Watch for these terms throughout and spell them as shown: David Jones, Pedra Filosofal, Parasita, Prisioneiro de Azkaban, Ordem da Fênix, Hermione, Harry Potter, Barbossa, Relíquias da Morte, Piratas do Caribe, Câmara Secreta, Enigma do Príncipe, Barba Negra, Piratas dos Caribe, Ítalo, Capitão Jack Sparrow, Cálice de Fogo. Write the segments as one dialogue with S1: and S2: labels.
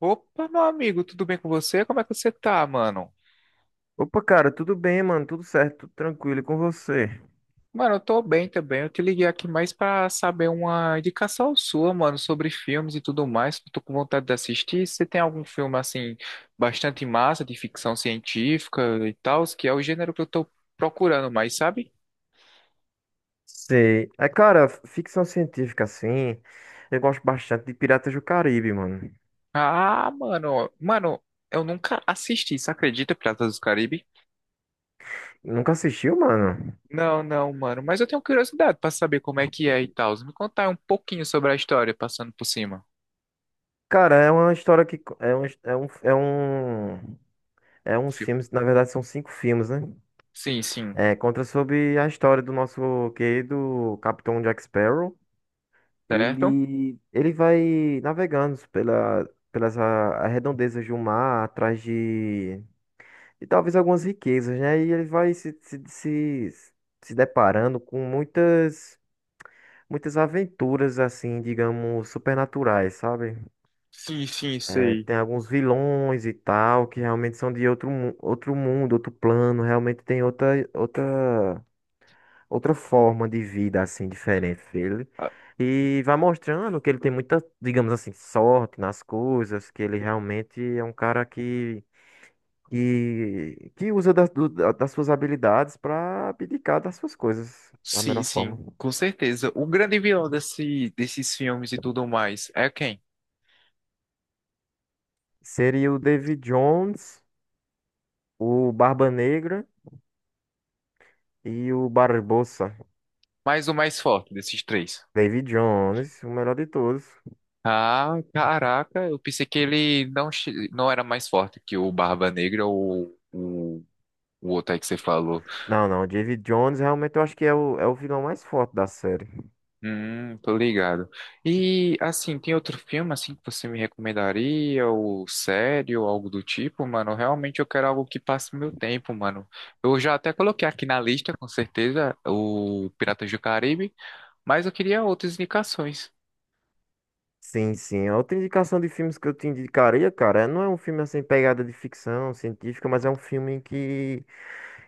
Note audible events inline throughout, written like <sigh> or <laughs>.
S1: Opa, meu amigo, tudo bem com você? Como é que você tá, mano?
S2: Opa, cara, tudo bem, mano? Tudo certo, tudo tranquilo e com você?
S1: Mano, eu tô bem também. Eu te liguei aqui mais pra saber uma indicação sua, mano, sobre filmes e tudo mais. Que Eu tô com vontade de assistir. Você tem algum filme, assim, bastante massa, de ficção científica e tal, que é o gênero que eu tô procurando mais, sabe?
S2: Sei. É, cara, ficção científica, assim, eu gosto bastante de Piratas do Caribe, mano.
S1: Ah, mano, eu nunca assisti, você acredita, Piratas dos Caribe?
S2: Nunca assistiu, mano?
S1: Não, não, mano, mas eu tenho curiosidade pra saber como é que é e tal. Me contar um pouquinho sobre a história, passando por cima.
S2: Cara, é uma história que... co- É um... É um... É, um, é uns filmes, na verdade são cinco filmes, né?
S1: Sim, sim,
S2: É, conta sobre a história do nosso querido Capitão Jack Sparrow.
S1: certo?
S2: Ele vai navegando pelas arredondezas do mar, atrás de... e talvez algumas riquezas, né? E ele vai se deparando com muitas, muitas aventuras, assim, digamos, supernaturais, sabe?
S1: Sim, sim,
S2: É,
S1: sei.
S2: tem alguns vilões e tal, que realmente são de outro mundo, outro plano, realmente tem outra forma de vida, assim, diferente dele.
S1: Ah,
S2: E vai mostrando que ele tem muita, digamos assim, sorte nas coisas, que ele realmente é um cara que que usa das suas habilidades para abdicar das suas coisas da
S1: sim,
S2: melhor forma.
S1: sim, com certeza. O grande vilão desses filmes e tudo mais é quem?
S2: Seria o David Jones, o Barba Negra e o Barbossa.
S1: Mas o mais forte desses três.
S2: David Jones, o melhor de todos.
S1: Ah, caraca, eu pensei que ele não era mais forte que o Barba Negra ou o outro aí que você falou.
S2: Não, não, David Jones realmente eu acho que é o vilão mais forte da série.
S1: Tô ligado. E assim, tem outro filme assim que você me recomendaria, ou série, ou algo do tipo, mano? Realmente eu quero algo que passe meu tempo, mano. Eu já até coloquei aqui na lista, com certeza, o Piratas do Caribe, mas eu queria outras indicações.
S2: Sim, sim. A outra indicação de filmes que eu te indicaria, cara, não é um filme assim, pegada de ficção científica, mas é um filme que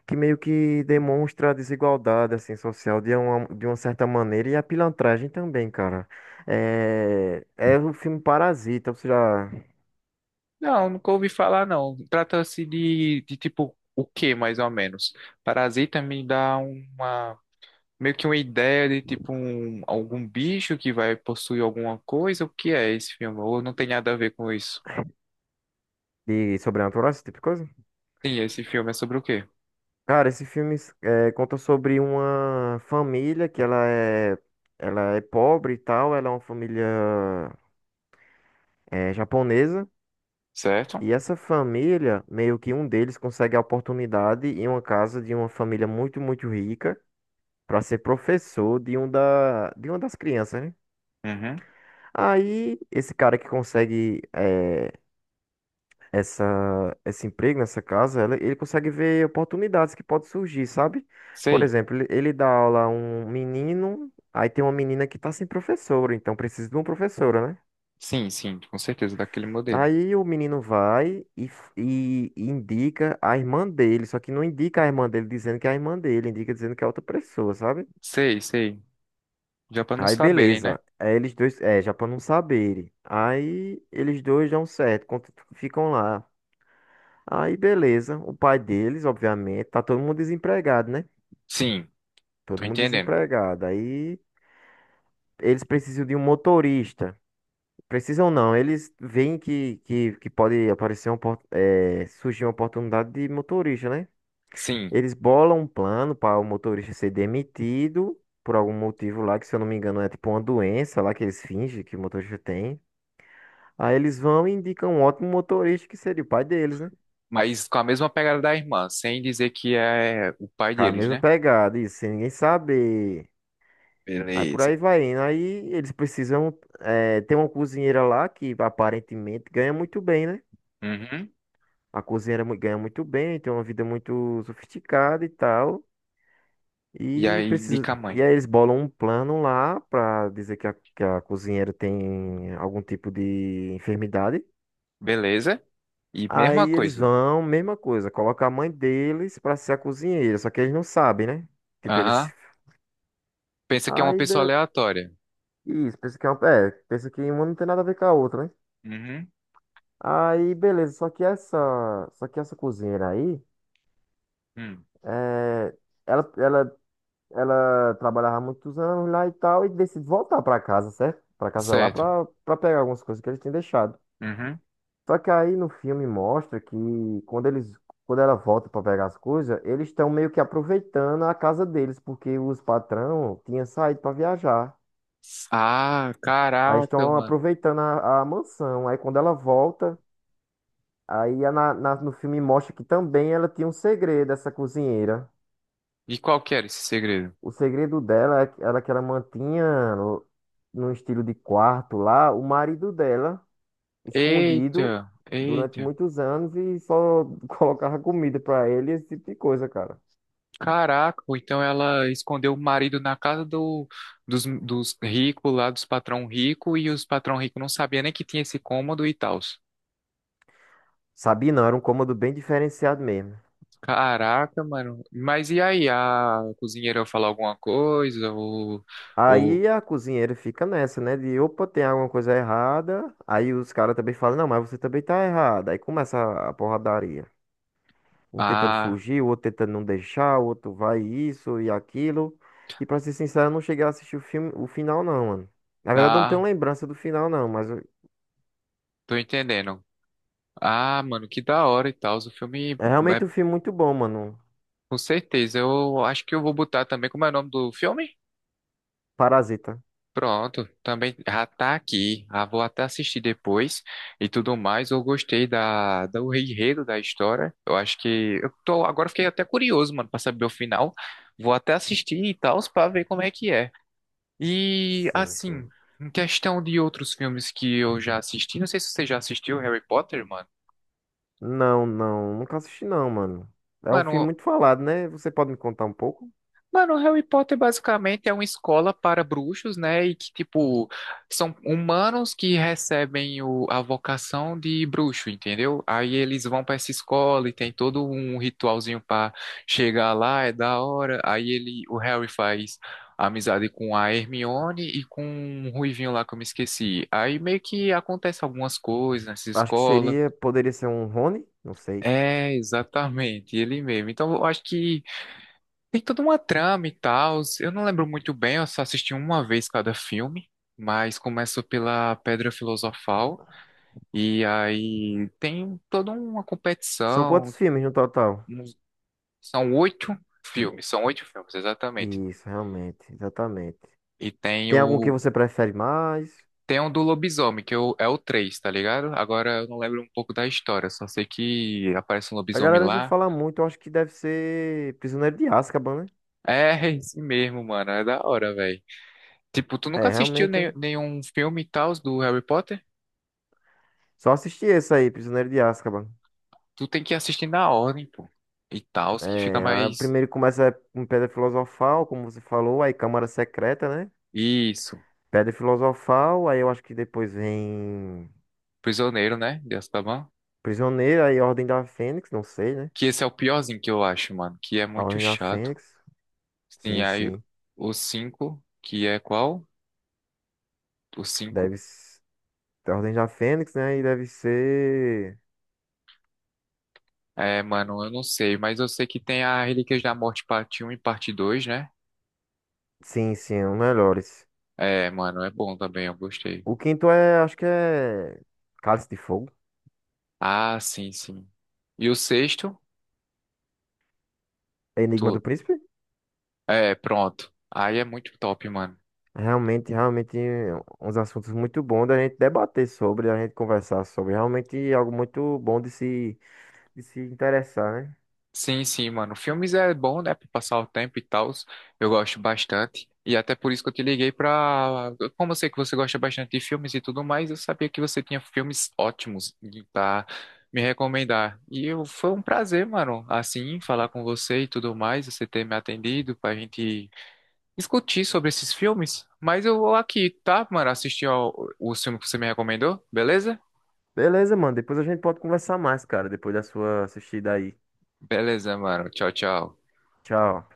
S2: que meio que demonstra a desigualdade assim social de uma certa maneira e a pilantragem também, cara. É o filme Parasita, você já
S1: Não, nunca ouvi falar, não. Trata-se de tipo o que mais ou menos? Parasita me dá uma, meio que uma ideia de tipo um, algum bicho que vai possuir alguma coisa? O que é esse filme? Ou não tem nada a ver com isso?
S2: de sobrenatural, esse tipo de coisa?
S1: Sim, esse filme é sobre o quê?
S2: Cara, esse filme conta sobre uma família que ela é pobre e tal, ela é uma família japonesa.
S1: Certo?
S2: E essa família, meio que um deles consegue a oportunidade em uma casa de uma família muito, muito rica para ser professor de de uma das crianças, né?
S1: Uhum.
S2: Aí, esse cara que consegue essa, esse emprego nessa casa, ele consegue ver oportunidades que podem surgir, sabe? Por
S1: Sei.
S2: exemplo, ele dá aula a um menino, aí tem uma menina que tá sem professora, então precisa de uma professora, né?
S1: Sim, sim, com certeza, daquele modelo.
S2: Aí o menino vai e indica a irmã dele, só que não indica a irmã dele dizendo que é a irmã dele, indica dizendo que é outra pessoa, sabe?
S1: Sei, sei. Já pra não
S2: Aí
S1: saberem, né?
S2: beleza. Aí eles dois, já pra não saberem. Aí eles dois dão certo, ficam lá. Aí beleza, o pai deles, obviamente, tá todo mundo desempregado, né?
S1: Sim,
S2: Todo
S1: tô
S2: mundo
S1: entendendo.
S2: desempregado. Aí eles precisam de um motorista. Precisam não, eles veem que, que pode aparecer surgir uma oportunidade de motorista, né?
S1: Sim,
S2: Eles bolam um plano para o motorista ser demitido por algum motivo lá, que se eu não me engano é tipo uma doença lá que eles fingem que o motorista tem. Aí eles vão e indicam um ótimo motorista que seria o pai deles, né?
S1: mas com a mesma pegada da irmã, sem dizer que é o pai
S2: Com a
S1: deles,
S2: mesma
S1: né?
S2: pegada, isso, sem ninguém saber. Aí por
S1: Beleza.
S2: aí vai indo. Aí eles precisam ter uma cozinheira lá que aparentemente ganha muito bem, né?
S1: Uhum.
S2: A cozinheira ganha muito bem, tem uma vida muito sofisticada e tal.
S1: E
S2: E
S1: aí
S2: precisa...
S1: indica a
S2: E
S1: mãe.
S2: aí eles bolam um plano lá pra dizer que a cozinheira tem algum tipo de enfermidade.
S1: Beleza? E
S2: Aí
S1: mesma
S2: eles
S1: coisa.
S2: vão, mesma coisa, coloca a mãe deles pra ser a cozinheira, só que eles não sabem, né? Tipo,
S1: Aham.
S2: eles.
S1: Pensa que é uma
S2: Aí,
S1: pessoa
S2: be...
S1: aleatória.
S2: Isso, pensa que uma não tem nada a ver com a outra, né?
S1: Uhum.
S2: Aí, beleza. Só que essa cozinheira aí,
S1: Hum.
S2: é, ela, ela, ela trabalhava muitos anos lá e tal e decide voltar pra casa, certo? Pra casa lá
S1: Certo.
S2: pra pegar algumas coisas que eles tinham deixado.
S1: Uhum.
S2: Só que aí no filme mostra que quando ela volta pra pegar as coisas, eles estão meio que aproveitando a casa deles porque os patrão tinham saído pra viajar.
S1: Ah,
S2: Aí
S1: caraca,
S2: estão
S1: mano.
S2: aproveitando a mansão. Aí quando ela volta. Aí no filme mostra que também ela tinha um segredo, essa cozinheira.
S1: E qual que era esse segredo?
S2: O segredo dela era que ela mantinha num estilo de quarto lá o marido dela
S1: Eita,
S2: escondido durante
S1: eita.
S2: muitos anos e só <laughs> colocava comida pra ele, esse tipo de coisa, cara.
S1: Caraca, ou então ela escondeu o marido na casa dos ricos lá, dos patrão rico, e os patrão rico não sabia nem que tinha esse cômodo e tal.
S2: Sabia não, era um cômodo bem diferenciado mesmo.
S1: Caraca, mano. Mas e aí, a cozinheira falou alguma coisa? Ou,
S2: Aí a cozinheira fica nessa, né? De opa, tem alguma coisa errada. Aí os caras também falam, não, mas você também tá errada. Aí começa a porradaria. Um tentando
S1: ah,
S2: fugir, o outro tentando não deixar, o outro vai isso e aquilo. E pra ser sincero, eu não cheguei a assistir o filme, o final não, mano. Na verdade, eu não tenho
S1: ah,
S2: lembrança do final não,
S1: tô entendendo. Ah, mano, que da hora e tal. O filme
S2: é
S1: é
S2: realmente um filme muito bom, mano.
S1: com certeza. Eu acho que eu vou botar também. Como é o nome do filme?
S2: Parasita.
S1: Pronto, também já tá aqui. Ah, vou até assistir depois e tudo mais. Eu gostei do enredo da história. Eu acho que eu tô, agora fiquei até curioso, mano, pra saber o final. Vou até assistir e tal, pra ver como é que é. E,
S2: Sim,
S1: assim,
S2: sim.
S1: em questão de outros filmes que eu já assisti, não sei se você já assistiu Harry Potter, mano.
S2: Não, não, nunca assisti não, mano. É um filme
S1: Mano,
S2: muito falado, né? Você pode me contar um pouco?
S1: Mano, Harry Potter basicamente é uma escola para bruxos, né? E que, tipo, são humanos que recebem a vocação de bruxo, entendeu? Aí eles vão para essa escola e tem todo um ritualzinho para chegar lá, é da hora. Aí ele, o Harry faz amizade com a Hermione e com um ruivinho lá que eu me esqueci. Aí meio que acontece algumas coisas nessa
S2: Acho que
S1: escola.
S2: seria, poderia ser um Rony, não sei.
S1: É, exatamente, ele mesmo. Então, eu acho que tem toda uma trama e tal. Eu não lembro muito bem, eu só assisti uma vez cada filme, mas começa pela Pedra Filosofal, e aí tem toda uma
S2: São quantos
S1: competição.
S2: filmes no total?
S1: um- São oito são oito filmes, exatamente.
S2: Isso, realmente, exatamente.
S1: E tem
S2: Tem algum que
S1: o.
S2: você prefere mais?
S1: Tem um do lobisomem, que é o 3, tá ligado? Agora eu não lembro um pouco da história, só sei que aparece um
S2: A
S1: lobisomem
S2: galera já
S1: lá.
S2: fala muito, eu acho que deve ser Prisioneiro de Azkaban, né?
S1: É, <laughs> esse mesmo, mano, é da hora, velho. Tipo, tu nunca
S2: É,
S1: assistiu
S2: realmente.
S1: nenhum filme e tal do Harry Potter?
S2: Só assisti esse aí, Prisioneiro de Azkaban.
S1: Tu tem que assistir na ordem, pô. E tal, que fica
S2: É, a
S1: mais.
S2: primeiro começa com Pedra Filosofal, como você falou, aí Câmara Secreta, né?
S1: Isso.
S2: Pedra Filosofal, aí eu acho que depois vem
S1: Prisioneiro, né? De Azkaban.
S2: Prisioneiro, aí Ordem da Fênix, não sei, né?
S1: Que esse é o piorzinho que eu acho, mano. Que é
S2: A
S1: muito
S2: Ordem da
S1: chato.
S2: Fênix.
S1: Sim,
S2: Sim,
S1: aí
S2: sim.
S1: o 5 que é qual? O 5,
S2: Deve ser a Ordem da Fênix, né? E deve ser.
S1: é, mano, eu não sei, mas eu sei que tem a Relíquias da Morte parte um e parte 2, né?
S2: Sim, sim, é um melhores.
S1: É, mano, é bom também, eu gostei.
S2: O quinto é, acho que é Cálice de Fogo.
S1: Ah, sim, sim. E o sexto?
S2: Enigma do
S1: Tu...
S2: Príncipe.
S1: É, pronto. Aí é muito top, mano.
S2: Realmente, realmente, uns assuntos muito bons da gente debater sobre, da gente conversar sobre. Realmente algo muito bom de se interessar, né?
S1: Sim, sim, mano. Filmes é bom, né, pra passar o tempo e tal. Eu gosto bastante. E até por isso que eu te liguei pra. Como eu sei que você gosta bastante de filmes e tudo mais, eu sabia que você tinha filmes ótimos e pra me recomendar. E eu... foi um prazer, mano, assim, falar com você e tudo mais, você ter me atendido pra gente discutir sobre esses filmes. Mas eu vou aqui, tá, mano? Assistir ao... o filme que você me recomendou, beleza?
S2: Beleza, mano. Depois a gente pode conversar mais, cara, depois da sua assistida aí.
S1: Beleza, mano. Tchau, tchau.
S2: Tchau.